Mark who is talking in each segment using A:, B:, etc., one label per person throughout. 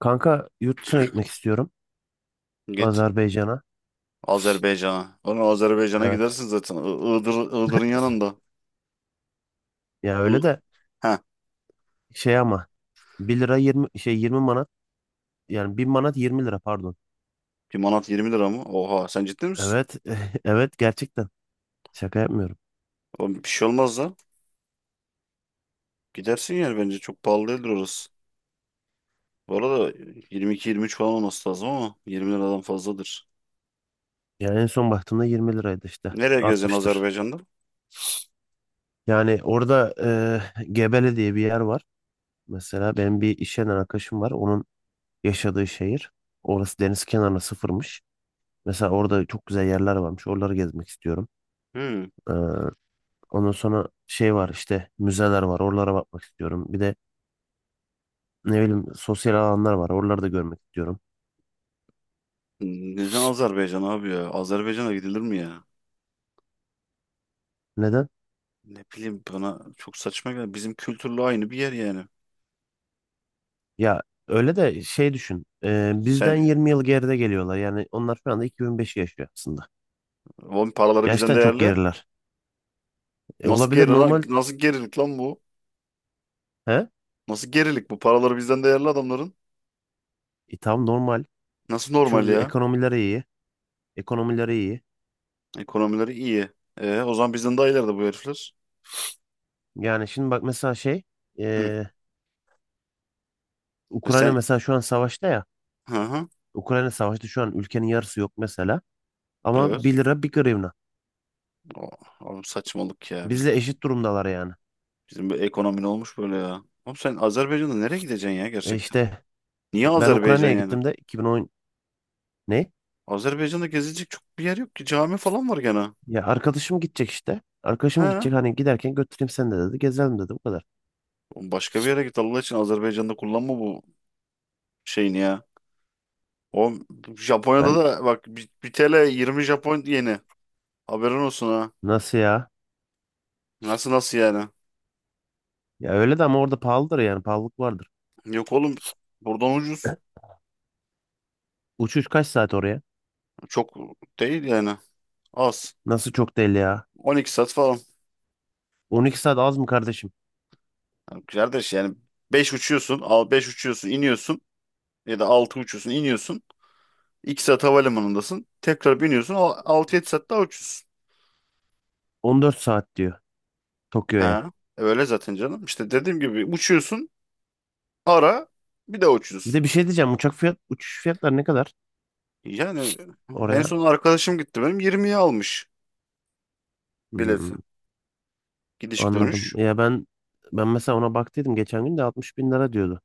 A: Kanka yurt dışına gitmek istiyorum.
B: Git
A: Azerbaycan'a.
B: Azerbaycan'a. Oğlum Azerbaycan'a
A: Evet.
B: gidersin zaten. Iğdır, Iğdır'ın yanında.
A: Ya
B: I
A: öyle de
B: Heh,
A: şey ama bir lira 20 şey 20 manat, yani bir manat 20 lira, pardon.
B: bir manat 20 lira mı? Oha sen ciddi misin?
A: Evet. Evet, gerçekten. Şaka yapmıyorum.
B: Oğlum bir şey olmaz lan. Gidersin yani bence çok pahalı değildir orası. Bu arada 22-23 falan olması lazım ama 20 liradan fazladır.
A: Yani en son baktığımda 20 liraydı işte.
B: Nereye gezeceksin
A: Artmıştır.
B: Azerbaycan'da?
A: Yani orada Gebele diye bir yer var. Mesela benim bir iş yerinden arkadaşım var. Onun yaşadığı şehir. Orası deniz kenarına sıfırmış. Mesela orada çok güzel yerler varmış. Oraları gezmek istiyorum.
B: Hmm.
A: Eh, Ondan sonra şey var işte, müzeler var. Oralara bakmak istiyorum. Bir de ne bileyim, sosyal alanlar var. Oraları da görmek istiyorum.
B: Neden Azerbaycan abi ya? Azerbaycan'a gidilir mi ya?
A: Neden?
B: Ne bileyim bana çok saçma geldi. Bizim kültürle aynı bir yer yani.
A: Ya öyle de şey, düşün. Bizden
B: Sen
A: 20 yıl geride geliyorlar. Yani onlar şu anda 2005 yaşıyor aslında.
B: oğlum paraları bizden
A: Gerçekten çok
B: değerli.
A: geriler.
B: Nasıl
A: Olabilir,
B: geri lan?
A: normal.
B: Nasıl gerilik lan bu?
A: He?
B: Nasıl gerilik bu? Paraları bizden değerli adamların.
A: Tam normal.
B: Nasıl normal
A: Çünkü
B: ya?
A: ekonomileri iyi. Ekonomileri iyi.
B: Ekonomileri iyi. E, o zaman bizden daha ileride bu herifler.
A: Yani şimdi bak mesela şey,
B: Hı.
A: e,
B: E
A: Ukrayna
B: sen...
A: mesela şu an savaşta ya.
B: Hı hı.
A: Ukrayna savaşta şu an, ülkenin yarısı yok mesela. Ama
B: Evet.
A: bir lira bir hryvnia.
B: O, oğlum saçmalık ya.
A: Bizle eşit durumdalar yani.
B: Bizim bir ekonomi ne olmuş böyle ya? Oğlum sen Azerbaycan'da nereye gideceksin ya gerçekten?
A: İşte
B: Niye
A: ben
B: Azerbaycan
A: Ukrayna'ya
B: yani?
A: gittim de 2010, ne?
B: Azerbaycan'da gezilecek çok bir yer yok ki. Cami falan var gene.
A: Ya arkadaşım gidecek işte. Arkadaşım
B: He.
A: gidecek, hani giderken götüreyim seni de dedi. Gezelim dedi, bu kadar.
B: Oğlum başka bir yere git Allah için Azerbaycan'da kullanma bu şeyini ya. Oğlum Japonya'da
A: Ben
B: da bak bir TL 20 Japon yeni. Haberin olsun ha.
A: nasıl ya?
B: Nasıl nasıl yani?
A: Ya öyle de ama orada pahalıdır, yani pahalılık vardır.
B: Yok oğlum buradan ucuz.
A: Uçuş kaç saat oraya?
B: Çok değil yani. Az.
A: Nasıl çok değil ya?
B: 12 saat falan.
A: 12 saat az mı kardeşim?
B: Yani kardeş yani 5 uçuyorsun, al 5 uçuyorsun, iniyorsun ya da 6 uçuyorsun, iniyorsun. 2 saat havalimanındasın. Tekrar biniyorsun. 6-7 saat daha uçuyorsun.
A: 14 saat diyor Tokyo'ya.
B: Ha, öyle zaten canım. İşte dediğim gibi uçuyorsun, ara bir de
A: Bir
B: uçuyorsun.
A: de bir şey diyeceğim. Uçak fiyat, uçuş fiyatları ne kadar
B: Yani en
A: oraya?
B: son arkadaşım gitti benim 20'ye almış bileti.
A: Hmm,
B: Gidiş
A: Anladım.
B: dönüş.
A: Ya ben mesela ona baktıydım, geçen gün de 60 bin lira diyordu.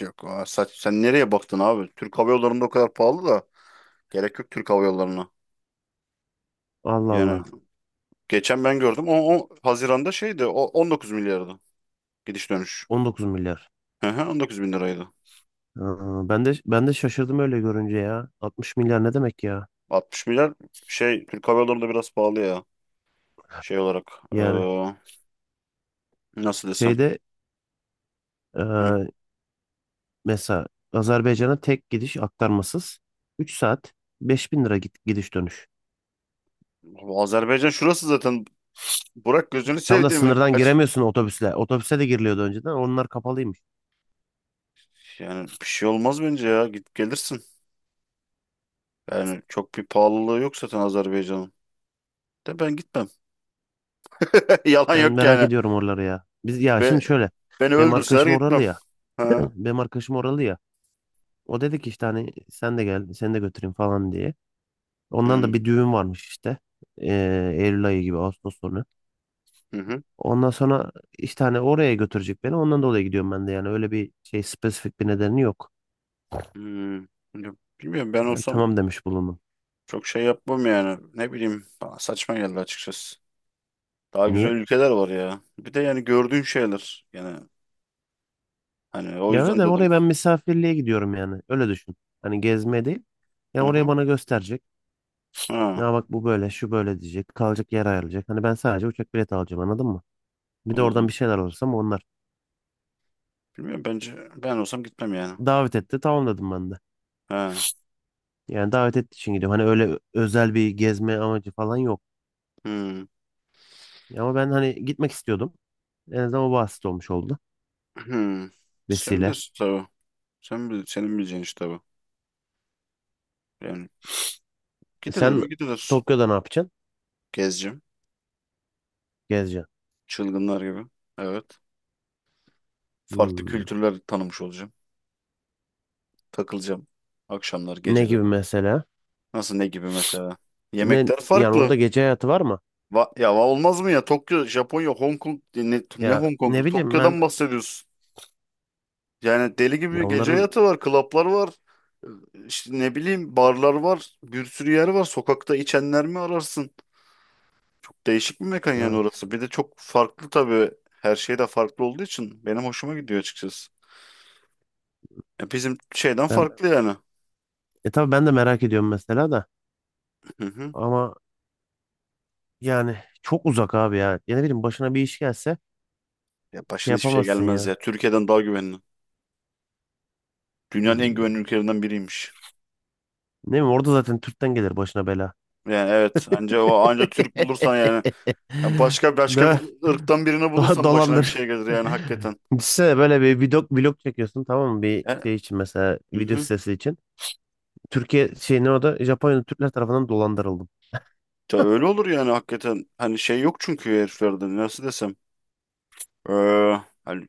B: Yok, sen nereye baktın abi? Türk Hava Yolları'nda o kadar pahalı da gerek yok Türk Hava Yolları'na.
A: Allah
B: Yani
A: Allah.
B: geçen ben gördüm. O Haziran'da şeydi. O 19 milyardı gidiş dönüş.
A: 19 milyar.
B: Hı hı, 19 bin liraydı.
A: Aa, ben de şaşırdım öyle görünce ya. 60 milyar ne demek ya?
B: 60 milyar şey Türk Hava Yolları'nda biraz pahalı ya. Şey olarak
A: Yani
B: nasıl desem.
A: şeyde,
B: Hı.
A: e, mesela Azerbaycan'a tek gidiş aktarmasız 3 saat, 5.000 lira, git, gidiş dönüş.
B: Bu Azerbaycan şurası zaten. Burak gözünü
A: Tam da
B: sevdiğimi
A: sınırdan
B: kaç.
A: giremiyorsun otobüsle. Otobüse de giriliyordu önceden. Onlar kapalıymış.
B: Yani bir şey olmaz bence ya. Git gelirsin. Yani çok bir pahalılığı yok zaten Azerbaycan'ın. De ben gitmem. Yalan
A: Ben
B: yok
A: merak
B: yani.
A: ediyorum oraları ya. Biz ya
B: Ve
A: şimdi şöyle,
B: beni
A: benim
B: öldürseler
A: arkadaşım oralı
B: gitmem.
A: ya.
B: Ha?
A: Benim arkadaşım oralı ya. O dedi ki işte, hani sen de gel, seni de götüreyim falan diye.
B: Hı
A: Ondan
B: hı.
A: da bir düğün varmış işte. Eylül ayı gibi, Ağustos sonu.
B: Hı.
A: Ondan sonra işte hani oraya götürecek beni. Ondan dolayı gidiyorum ben de yani. Öyle bir şey, spesifik bir nedeni yok.
B: Hı. Ya, bilmiyorum ben
A: Ben
B: olsam
A: tamam demiş bulundum.
B: çok şey yapmam yani. Ne bileyim bana saçma geldi açıkçası. Daha güzel
A: Niye?
B: ülkeler var ya. Bir de yani gördüğün şeyler. Yani hani o
A: Ya öyle
B: yüzden
A: de,
B: dedim.
A: oraya ben misafirliğe gidiyorum yani. Öyle düşün. Hani gezmeye değil. Yani
B: Hı
A: oraya
B: hı.
A: bana gösterecek.
B: Ha,
A: Ya bak, bu böyle, şu böyle diyecek. Kalacak yer ayarlayacak. Hani ben sadece uçak bileti alacağım, anladın mı? Bir de oradan
B: anladım.
A: bir şeyler olursa, ama onlar.
B: Bilmiyorum bence ben olsam gitmem yani.
A: Davet etti, tamam dedim ben de.
B: Ha.
A: Yani davet ettiği için gidiyorum. Hani öyle özel bir gezme amacı falan yok.
B: Hmm.
A: Ama ben hani gitmek istiyordum. En azından o basit olmuş oldu.
B: Hmm. Sen
A: Vesile.
B: bilirsin tabii. Sen bil, senin bileceğin iş tabii. Yani gidilir
A: Sen
B: mi gidilir.
A: Tokyo'da ne yapacaksın?
B: Gezeceğim.
A: Gezeceksin.
B: Çılgınlar gibi. Evet. Farklı
A: Hmm.
B: kültürler tanımış olacağım. Takılacağım. Akşamlar,
A: Ne
B: geceleri.
A: gibi mesela?
B: Nasıl ne gibi mesela?
A: Ne,
B: Yemekler
A: yani orada
B: farklı.
A: gece hayatı var mı?
B: Ya olmaz mı ya? Tokyo, Japonya, Hong Kong, ne
A: Ya
B: Hong
A: ne
B: Kong'u?
A: bileyim ben,
B: Tokyo'dan bahsediyorsun. Yani deli
A: ya
B: gibi gece
A: onların,
B: hayatı var, klaplar var. e, İşte ne bileyim barlar var. Bir sürü yer var. Sokakta içenler mi ararsın? Çok değişik bir mekan yani
A: evet,
B: orası. Bir de çok farklı tabii. Her şey de farklı olduğu için benim hoşuma gidiyor açıkçası. Ya bizim şeyden
A: ben
B: farklı yani.
A: tabii, ben de merak ediyorum mesela da,
B: Hı hı.
A: ama yani çok uzak abi ya. Ya ne bileyim, başına bir iş gelse
B: Ya
A: şey
B: başına hiçbir şey
A: yapamazsın
B: gelmez
A: ya.
B: ya. Türkiye'den daha güvenli. Dünyanın en
A: Hmm.
B: güvenli ülkelerinden biriymiş.
A: Ne bileyim, orada zaten Türk'ten gelir başına bela.
B: Yani evet anca o anca Türk bulursan yani ya başka başka bir
A: Ne?
B: ırktan birini bulursan başına bir
A: Dolandır.
B: şey gelir yani hakikaten.
A: Düşünsene, böyle bir vlog çekiyorsun, tamam mı? Bir
B: E,
A: şey için, mesela
B: hı
A: video
B: hı.
A: sitesi için. Türkiye şey ne, o da Japonya'da Türkler tarafından dolandırıldım.
B: Ya öyle olur yani hakikaten. Hani şey yok çünkü heriflerde nasıl desem. Ee, hani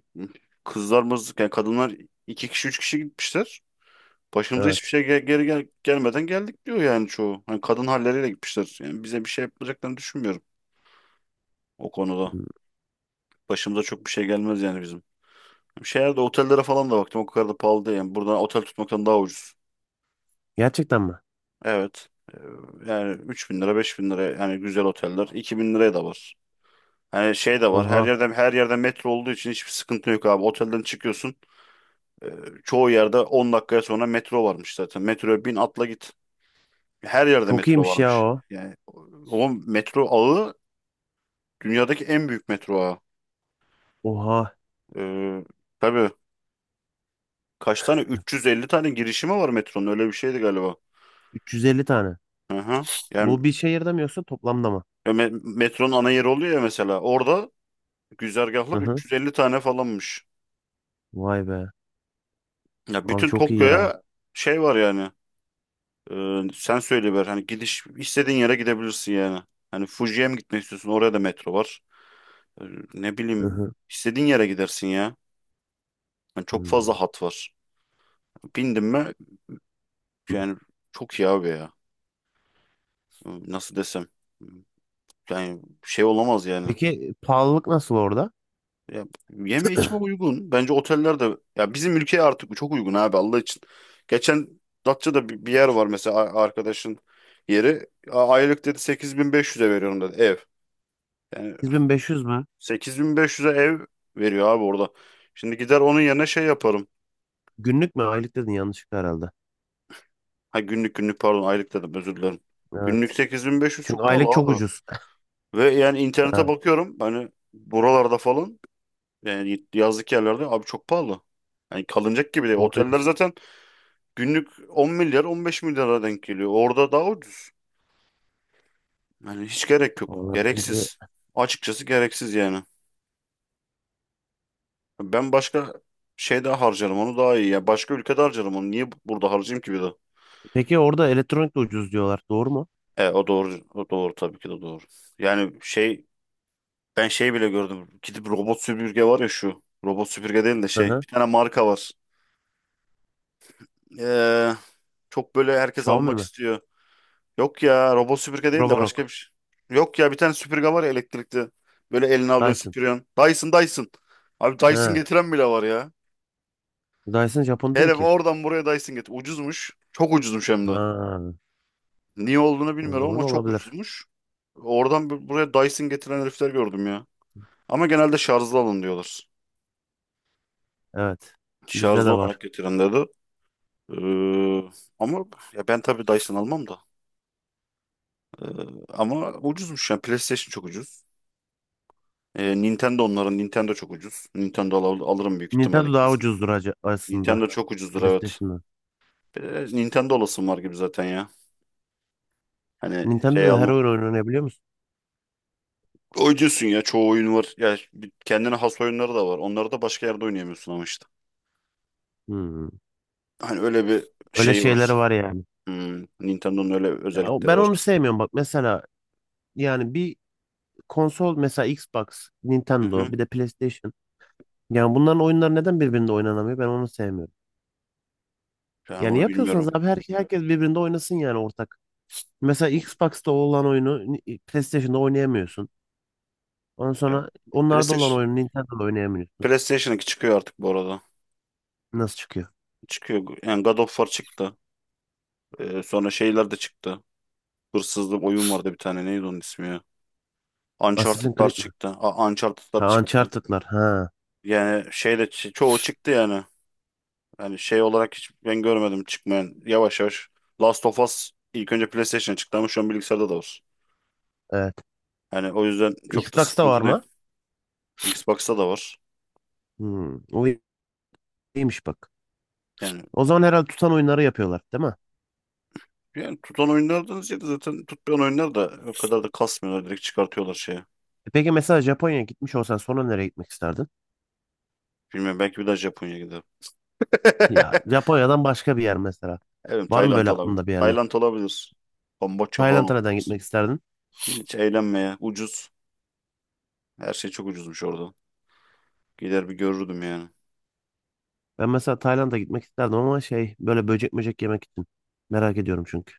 B: yani kadınlar iki kişi üç kişi gitmişler. Başımıza hiçbir
A: Evet.
B: şey gel- geri gel gelmeden geldik diyor yani çoğu. Hani kadın halleriyle gitmişler. Yani bize bir şey yapacaklarını düşünmüyorum o konuda.
A: Hmm,
B: Başımıza çok bir şey gelmez yani bizim. Şehirde otellere falan da baktım o kadar da pahalı değil. Yani buradan otel tutmaktan daha ucuz.
A: Gerçekten mi?
B: Evet. Yani 3.000 lira 5.000 lira yani güzel oteller 2.000 liraya da var. Hani şey de var. Her
A: Oha.
B: yerden her yerden metro olduğu için hiçbir sıkıntı yok abi. Otelden çıkıyorsun. e, çoğu yerde 10 dakikaya sonra metro varmış zaten. Metroya bin atla git. Her yerde
A: Çok
B: metro
A: iyiymiş ya
B: varmış.
A: o.
B: Yani o metro ağı dünyadaki en büyük metro ağı.
A: Oha.
B: Ee, tabii kaç tane 350 tane girişimi var metronun öyle bir şeydi galiba.
A: 350 tane.
B: Hı hı. Yani
A: Bu bir şehirde mi yoksa toplamda mı?
B: metronun ana yeri oluyor ya mesela. Orada
A: Hı
B: güzergahlar
A: hı.
B: 350 tane falanmış.
A: Vay be.
B: Ya
A: Abi
B: bütün
A: çok iyi ya.
B: Tokyo'ya şey var yani. Sen söyle ver. Hani gidiş istediğin yere gidebilirsin yani. Hani Fuji'ye mi gitmek istiyorsun? Oraya da metro var. Ee, ne
A: Hı
B: bileyim
A: hı.
B: istediğin yere gidersin ya. Hani çok
A: Hmm.
B: fazla hat var. Bindim mi yani çok iyi abi ya. Nasıl desem. Yani şey olamaz yani.
A: Peki pahalılık nasıl orada?
B: Ya, yeme içme uygun. Bence oteller de ya bizim ülkeye artık bu çok uygun abi Allah için. Geçen Datça'da bir yer var mesela arkadaşın yeri. Aylık dedi 8.500'e veriyorum dedi ev. Yani
A: 8500 mü?
B: 8.500'e ev veriyor abi orada. Şimdi gider onun yerine şey yaparım.
A: Günlük mü? Aylık dedin, yanlışlıkla herhalde.
B: Ha günlük günlük pardon aylık dedim özür dilerim. Günlük
A: Evet.
B: 8.500
A: Çünkü
B: çok pahalı
A: aylık çok
B: abi.
A: ucuz.
B: Ve yani internete
A: Evet.
B: bakıyorum hani buralarda falan yani yazlık yerlerde abi çok pahalı. Yani kalınacak gibi değil.
A: Doğru
B: Oteller
A: diyorsun.
B: zaten günlük 10 milyar 15 milyara denk geliyor. Orada daha ucuz. Yani hiç gerek yok.
A: Vallahi bence.
B: Gereksiz. Açıkçası gereksiz yani. Ben başka şeyde harcarım onu daha iyi. Yani başka ülkede harcarım onu. Niye burada harcayayım ki bir de?
A: Peki orada elektronik de ucuz diyorlar, doğru mu?
B: O doğru. O doğru tabii ki de doğru. Yani şey ben şey bile gördüm. Gidip robot süpürge var ya şu. Robot süpürge değil de
A: Hı
B: şey.
A: hı.
B: Bir tane marka var. Ee, çok böyle herkes
A: Xiaomi
B: almak
A: mi?
B: istiyor. Yok ya robot süpürge değil de başka bir
A: Roborock.
B: şey. Yok ya bir tane süpürge var ya elektrikli. Böyle eline alıyorsun
A: Dyson.
B: süpürüyorsun. Dyson Dyson. Abi Dyson
A: He.
B: getiren bile var ya.
A: Dyson Japon değil
B: Herif
A: ki.
B: oradan buraya Dyson getir. Ucuzmuş. Çok ucuzmuş hem de.
A: Ha,
B: Niye olduğunu
A: o
B: bilmiyorum
A: zaman
B: ama çok
A: olabilir.
B: ucuzmuş. Oradan buraya Dyson getiren herifler gördüm ya. Ama genelde şarjlı alın diyorlar.
A: Evet. Bizde
B: Şarjlı
A: de var.
B: olarak getiren dedi. Ee, ama ya ben tabii Dyson almam da. Ama ucuzmuş yani. PlayStation çok ucuz. Nintendo onların. Nintendo çok ucuz. Nintendo alırım büyük ihtimalle
A: Nintendo daha
B: kesin.
A: ucuzdur aslında
B: Nintendo çok ucuzdur evet.
A: PlayStation'dan.
B: Bir de Nintendo olasım var gibi zaten ya. Hani şey
A: Nintendo'da her
B: alma.
A: oyun oynanabiliyor musun?
B: Oyuncusun ya çoğu oyun var. Ya kendine has oyunları da var. Onları da başka yerde oynayamıyorsun ama işte.
A: Hmm.
B: Hani öyle bir
A: Öyle
B: şey
A: şeyleri
B: var.
A: var yani.
B: Hmm, Nintendo'nun öyle
A: Ya,
B: özellikleri
A: ben
B: var.
A: onu sevmiyorum bak. Mesela yani bir konsol mesela, Xbox,
B: Hı
A: Nintendo,
B: hı.
A: bir de PlayStation. Yani bunların oyunları neden birbirinde oynanamıyor? Ben onu sevmiyorum.
B: Yani
A: Yani
B: bunu
A: yapıyorsanız
B: bilmiyorum.
A: abi, herkes birbirinde oynasın yani, ortak. Mesela Xbox'ta olan oyunu PlayStation'da oynayamıyorsun. Ondan
B: Ya,
A: sonra onlarda olan
B: PlayStation
A: oyunu Nintendo'da oynayamıyorsun.
B: PlayStation 2 çıkıyor artık bu arada.
A: Nasıl çıkıyor?
B: Çıkıyor. Yani God of War çıktı. Sonra şeyler de çıktı. Hırsızlık oyun vardı bir tane. Neydi onun ismi ya?
A: Assassin's
B: Uncharted'lar
A: Creed mi?
B: çıktı. Uncharted'lar
A: Ha,
B: çıktı.
A: Uncharted'lar. Ha,
B: Yani şeyle çoğu çıktı yani. Yani şey olarak hiç ben görmedim çıkmayan. Yavaş yavaş. Last of Us ilk önce PlayStation'a çıktı ama şu an bilgisayarda da var.
A: evet.
B: Yani o yüzden çok da
A: Xbox'ta var
B: sıkıntı
A: mı?
B: değil. Xbox'ta da var.
A: O iyiymiş bak.
B: Yani
A: O zaman herhalde tutan oyunları yapıyorlar, değil mi?
B: yani tutan oyunlardan ziyade zaten tutmayan oyunlar da o kadar da kasmıyorlar. Direkt çıkartıyorlar şeye.
A: Peki mesela Japonya'ya gitmiş olsan sonra nereye gitmek isterdin?
B: Bilmiyorum belki bir daha Japonya gider.
A: Ya Japonya'dan başka bir yer mesela.
B: Evet
A: Var mı
B: Tayland
A: böyle
B: olabilir.
A: aklında bir yerler?
B: Tayland olabilir. Kamboçya falan
A: Tayland'a neden
B: olabilir.
A: gitmek isterdin?
B: Hiç eğlenmeye. Ucuz. Her şey çok ucuzmuş orada. Gider bir görürdüm yani.
A: Ben mesela Tayland'a gitmek isterdim, ama şey, böyle böcek möcek yemek için. Merak ediyorum çünkü.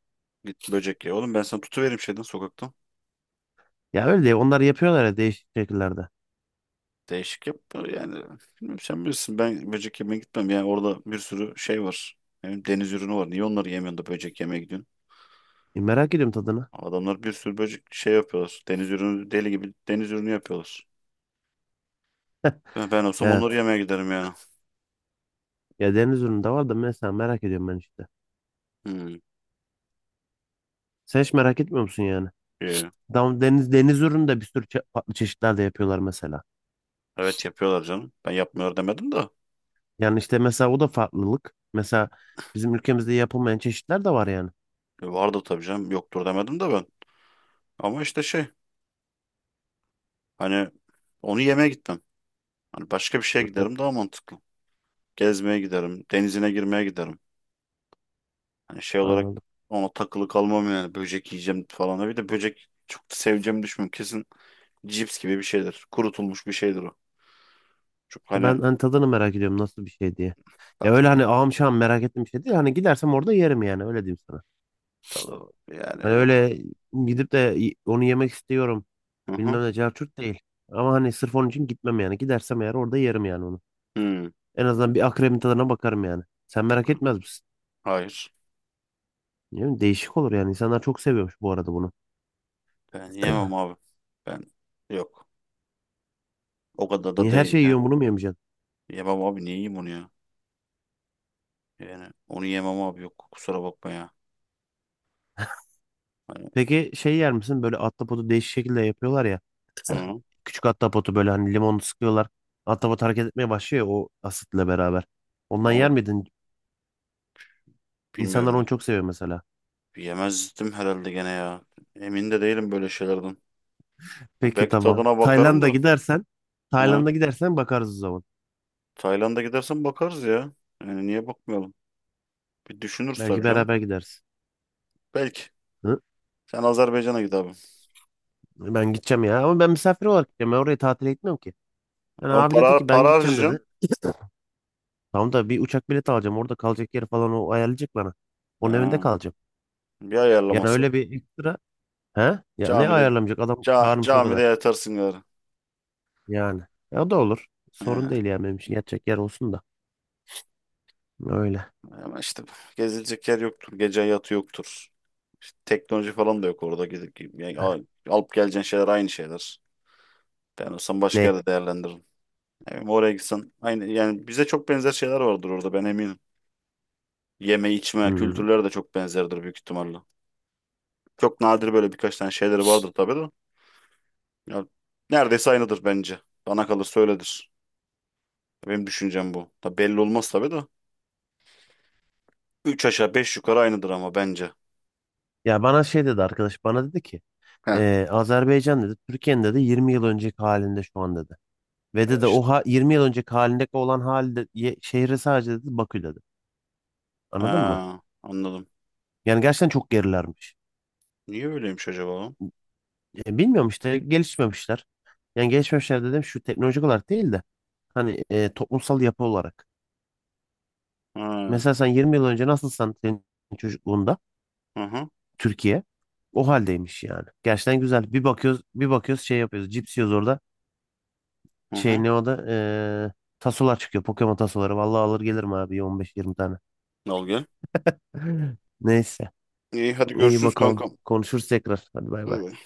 B: Git böcek ye. Oğlum ben sana tutuvereyim şeyden sokaktan.
A: Ya öyle değil. Onlar yapıyorlar ya değişik şekillerde.
B: Değişik yap yani. Bilmiyorum sen bilirsin ben böcek yemeye gitmem. Yani orada bir sürü şey var. Hem deniz ürünü var. Niye onları yemiyorsun da böcek yemeye gidiyorsun?
A: Merak ediyorum tadını.
B: Adamlar bir sürü böcek şey yapıyorlar. Deniz ürünü deli gibi deniz ürünü yapıyorlar. Ben olsam onları
A: Evet.
B: yemeye giderim yani.
A: Ya deniz ürünü de var da, mesela merak ediyorum ben işte.
B: Hmm,
A: Sen hiç merak etmiyor musun yani?
B: iyi.
A: Tam deniz ürünü de bir sürü farklı çeşitler de yapıyorlar mesela.
B: Evet yapıyorlar canım. Ben yapmıyor demedim de.
A: Yani işte mesela o da farklılık. Mesela bizim ülkemizde yapılmayan çeşitler de var yani.
B: Vardı tabii canım. Yoktur demedim de ben. Ama işte şey hani onu yemeye gitmem. Hani başka bir şeye
A: Hı hı.
B: giderim daha mantıklı. Gezmeye giderim. Denizine girmeye giderim. Hani şey olarak
A: Anladım.
B: ona takılı kalmam yani. Böcek yiyeceğim falan. Bir de böcek çok da seveceğimi düşünmüyorum. Kesin cips gibi bir şeydir. Kurutulmuş bir şeydir o. Çok
A: İşte,
B: hani
A: ben hani tadını merak ediyorum, nasıl bir şey diye. Ya
B: tadı,
A: öyle hani, ağam şahım merak ettiğim bir şey değil. Hani gidersem orada yerim, yani öyle diyeyim sana.
B: tadı yani
A: Hani
B: yok.
A: öyle gidip de onu yemek istiyorum.
B: Hı hı.
A: Bilmem ne cahçurt değil. Ama hani sırf onun için gitmem yani. Gidersem eğer orada yerim yani onu.
B: Hmm,
A: En azından bir akrebin tadına bakarım yani. Sen merak
B: yok.
A: etmez misin?
B: Hayır.
A: Ne bileyim, değişik olur yani. İnsanlar çok seviyormuş bu arada bunu.
B: Ben
A: Evet.
B: yemem abi. Ben yok. O kadar da
A: Niye her
B: değil
A: şeyi
B: ya.
A: yiyorsun, bunu mu yemeyeceksin?
B: Yemem abi. Niye yiyeyim onu ya? Yani onu yemem abi. Yok. Kusura bakma ya. Hani,
A: Peki şey yer misin? Böyle ahtapotu değişik şekilde yapıyorlar ya. Evet.
B: hı.
A: Küçük ahtapotu böyle hani limonu sıkıyorlar. Ahtapot hareket etmeye başlıyor ya, o asitle beraber. Ondan yer
B: Onu
A: miydin?
B: bilmiyorum
A: İnsanlar
B: ya.
A: onu çok seviyor mesela.
B: Yemezdim herhalde gene ya. Emin de değilim böyle şeylerden. Ya,
A: Peki
B: belki
A: tamam.
B: tadına bakarım
A: Tayland'a
B: da.
A: gidersen
B: Ha.
A: Tayland'a gidersen bakarız o zaman.
B: Tayland'a gidersen bakarız ya. Yani niye bakmayalım? Bir düşünürüz
A: Belki
B: tabii canım.
A: beraber gideriz.
B: Belki.
A: Hı?
B: Sen Azerbaycan'a git abi.
A: Ben gideceğim ya. Ama ben misafir olarak gideceğim. Ben oraya tatile gitmiyorum ki. Yani
B: Ama
A: abi dedi
B: para,
A: ki, ben
B: para
A: gideceğim dedi.
B: harcayacaksın.
A: Tamam da bir uçak bileti alacağım. Orada kalacak yeri falan o ayarlayacak bana. Onun evinde
B: Ha.
A: kalacağım.
B: Bir
A: Yani
B: ayarlaması.
A: öyle bir ekstra. He? Ya ne
B: Camide
A: ayarlamayacak? Adam
B: ca-
A: çağırmış o
B: camide
A: kadar.
B: yatarsın gari.
A: Yani. Ya o da olur. Sorun
B: Ha.
A: değil yani benim için. Yatacak yer olsun da. Öyle.
B: Ama işte gezilecek yer yoktur. Gece hayatı yoktur. İşte teknoloji falan da yok orada. Gidip, yani alıp geleceğin şeyler aynı şeyler. Ben olsam başka
A: Ne?
B: yerde değerlendiririm. Yani oraya gitsen aynı yani bize çok benzer şeyler vardır orada ben eminim. Yeme içme
A: Hmm.
B: kültürleri de çok benzerdir büyük ihtimalle. Çok nadir böyle birkaç tane şeyleri vardır tabii de. Ya, neredeyse aynıdır bence. Bana kalırsa öyledir. Benim düşüncem bu. Tabii belli olmaz tabii de. Üç aşağı beş yukarı aynıdır ama bence.
A: Ya bana şey dedi arkadaş. Bana dedi ki,
B: Heh.
A: Azerbaycan dedi. Türkiye'nin dedi 20 yıl önceki halinde şu an dedi. Ve
B: Ya
A: dedi o
B: işte.
A: ha, 20 yıl önceki halindeki olan halde, şehri sadece dedi, Bakü dedi. Anladın mı?
B: Ha, anladım.
A: Yani gerçekten çok gerilermiş.
B: Niye böyleymiş acaba?
A: Bilmiyorum işte, gelişmemişler. Yani gelişmemişler dedim, şu teknolojik olarak değil de hani toplumsal yapı olarak.
B: Ha.
A: Mesela sen 20 yıl önce nasılsan, senin çocukluğunda
B: Hı hı.
A: Türkiye o haldeymiş yani. Gerçekten güzel. Bir bakıyoruz bir bakıyoruz, şey yapıyoruz. Cips yiyoruz orada.
B: Hı
A: Şey
B: hı.
A: ne o da, e, tasolar çıkıyor. Pokemon tasoları. Vallahi alır gelirim abi 15-20 tane.
B: Al gel.
A: Neyse.
B: İyi hadi
A: İyi
B: görüşürüz
A: bakalım.
B: kankam.
A: Konuşuruz tekrar. Hadi bay
B: Bay
A: bay.
B: bay.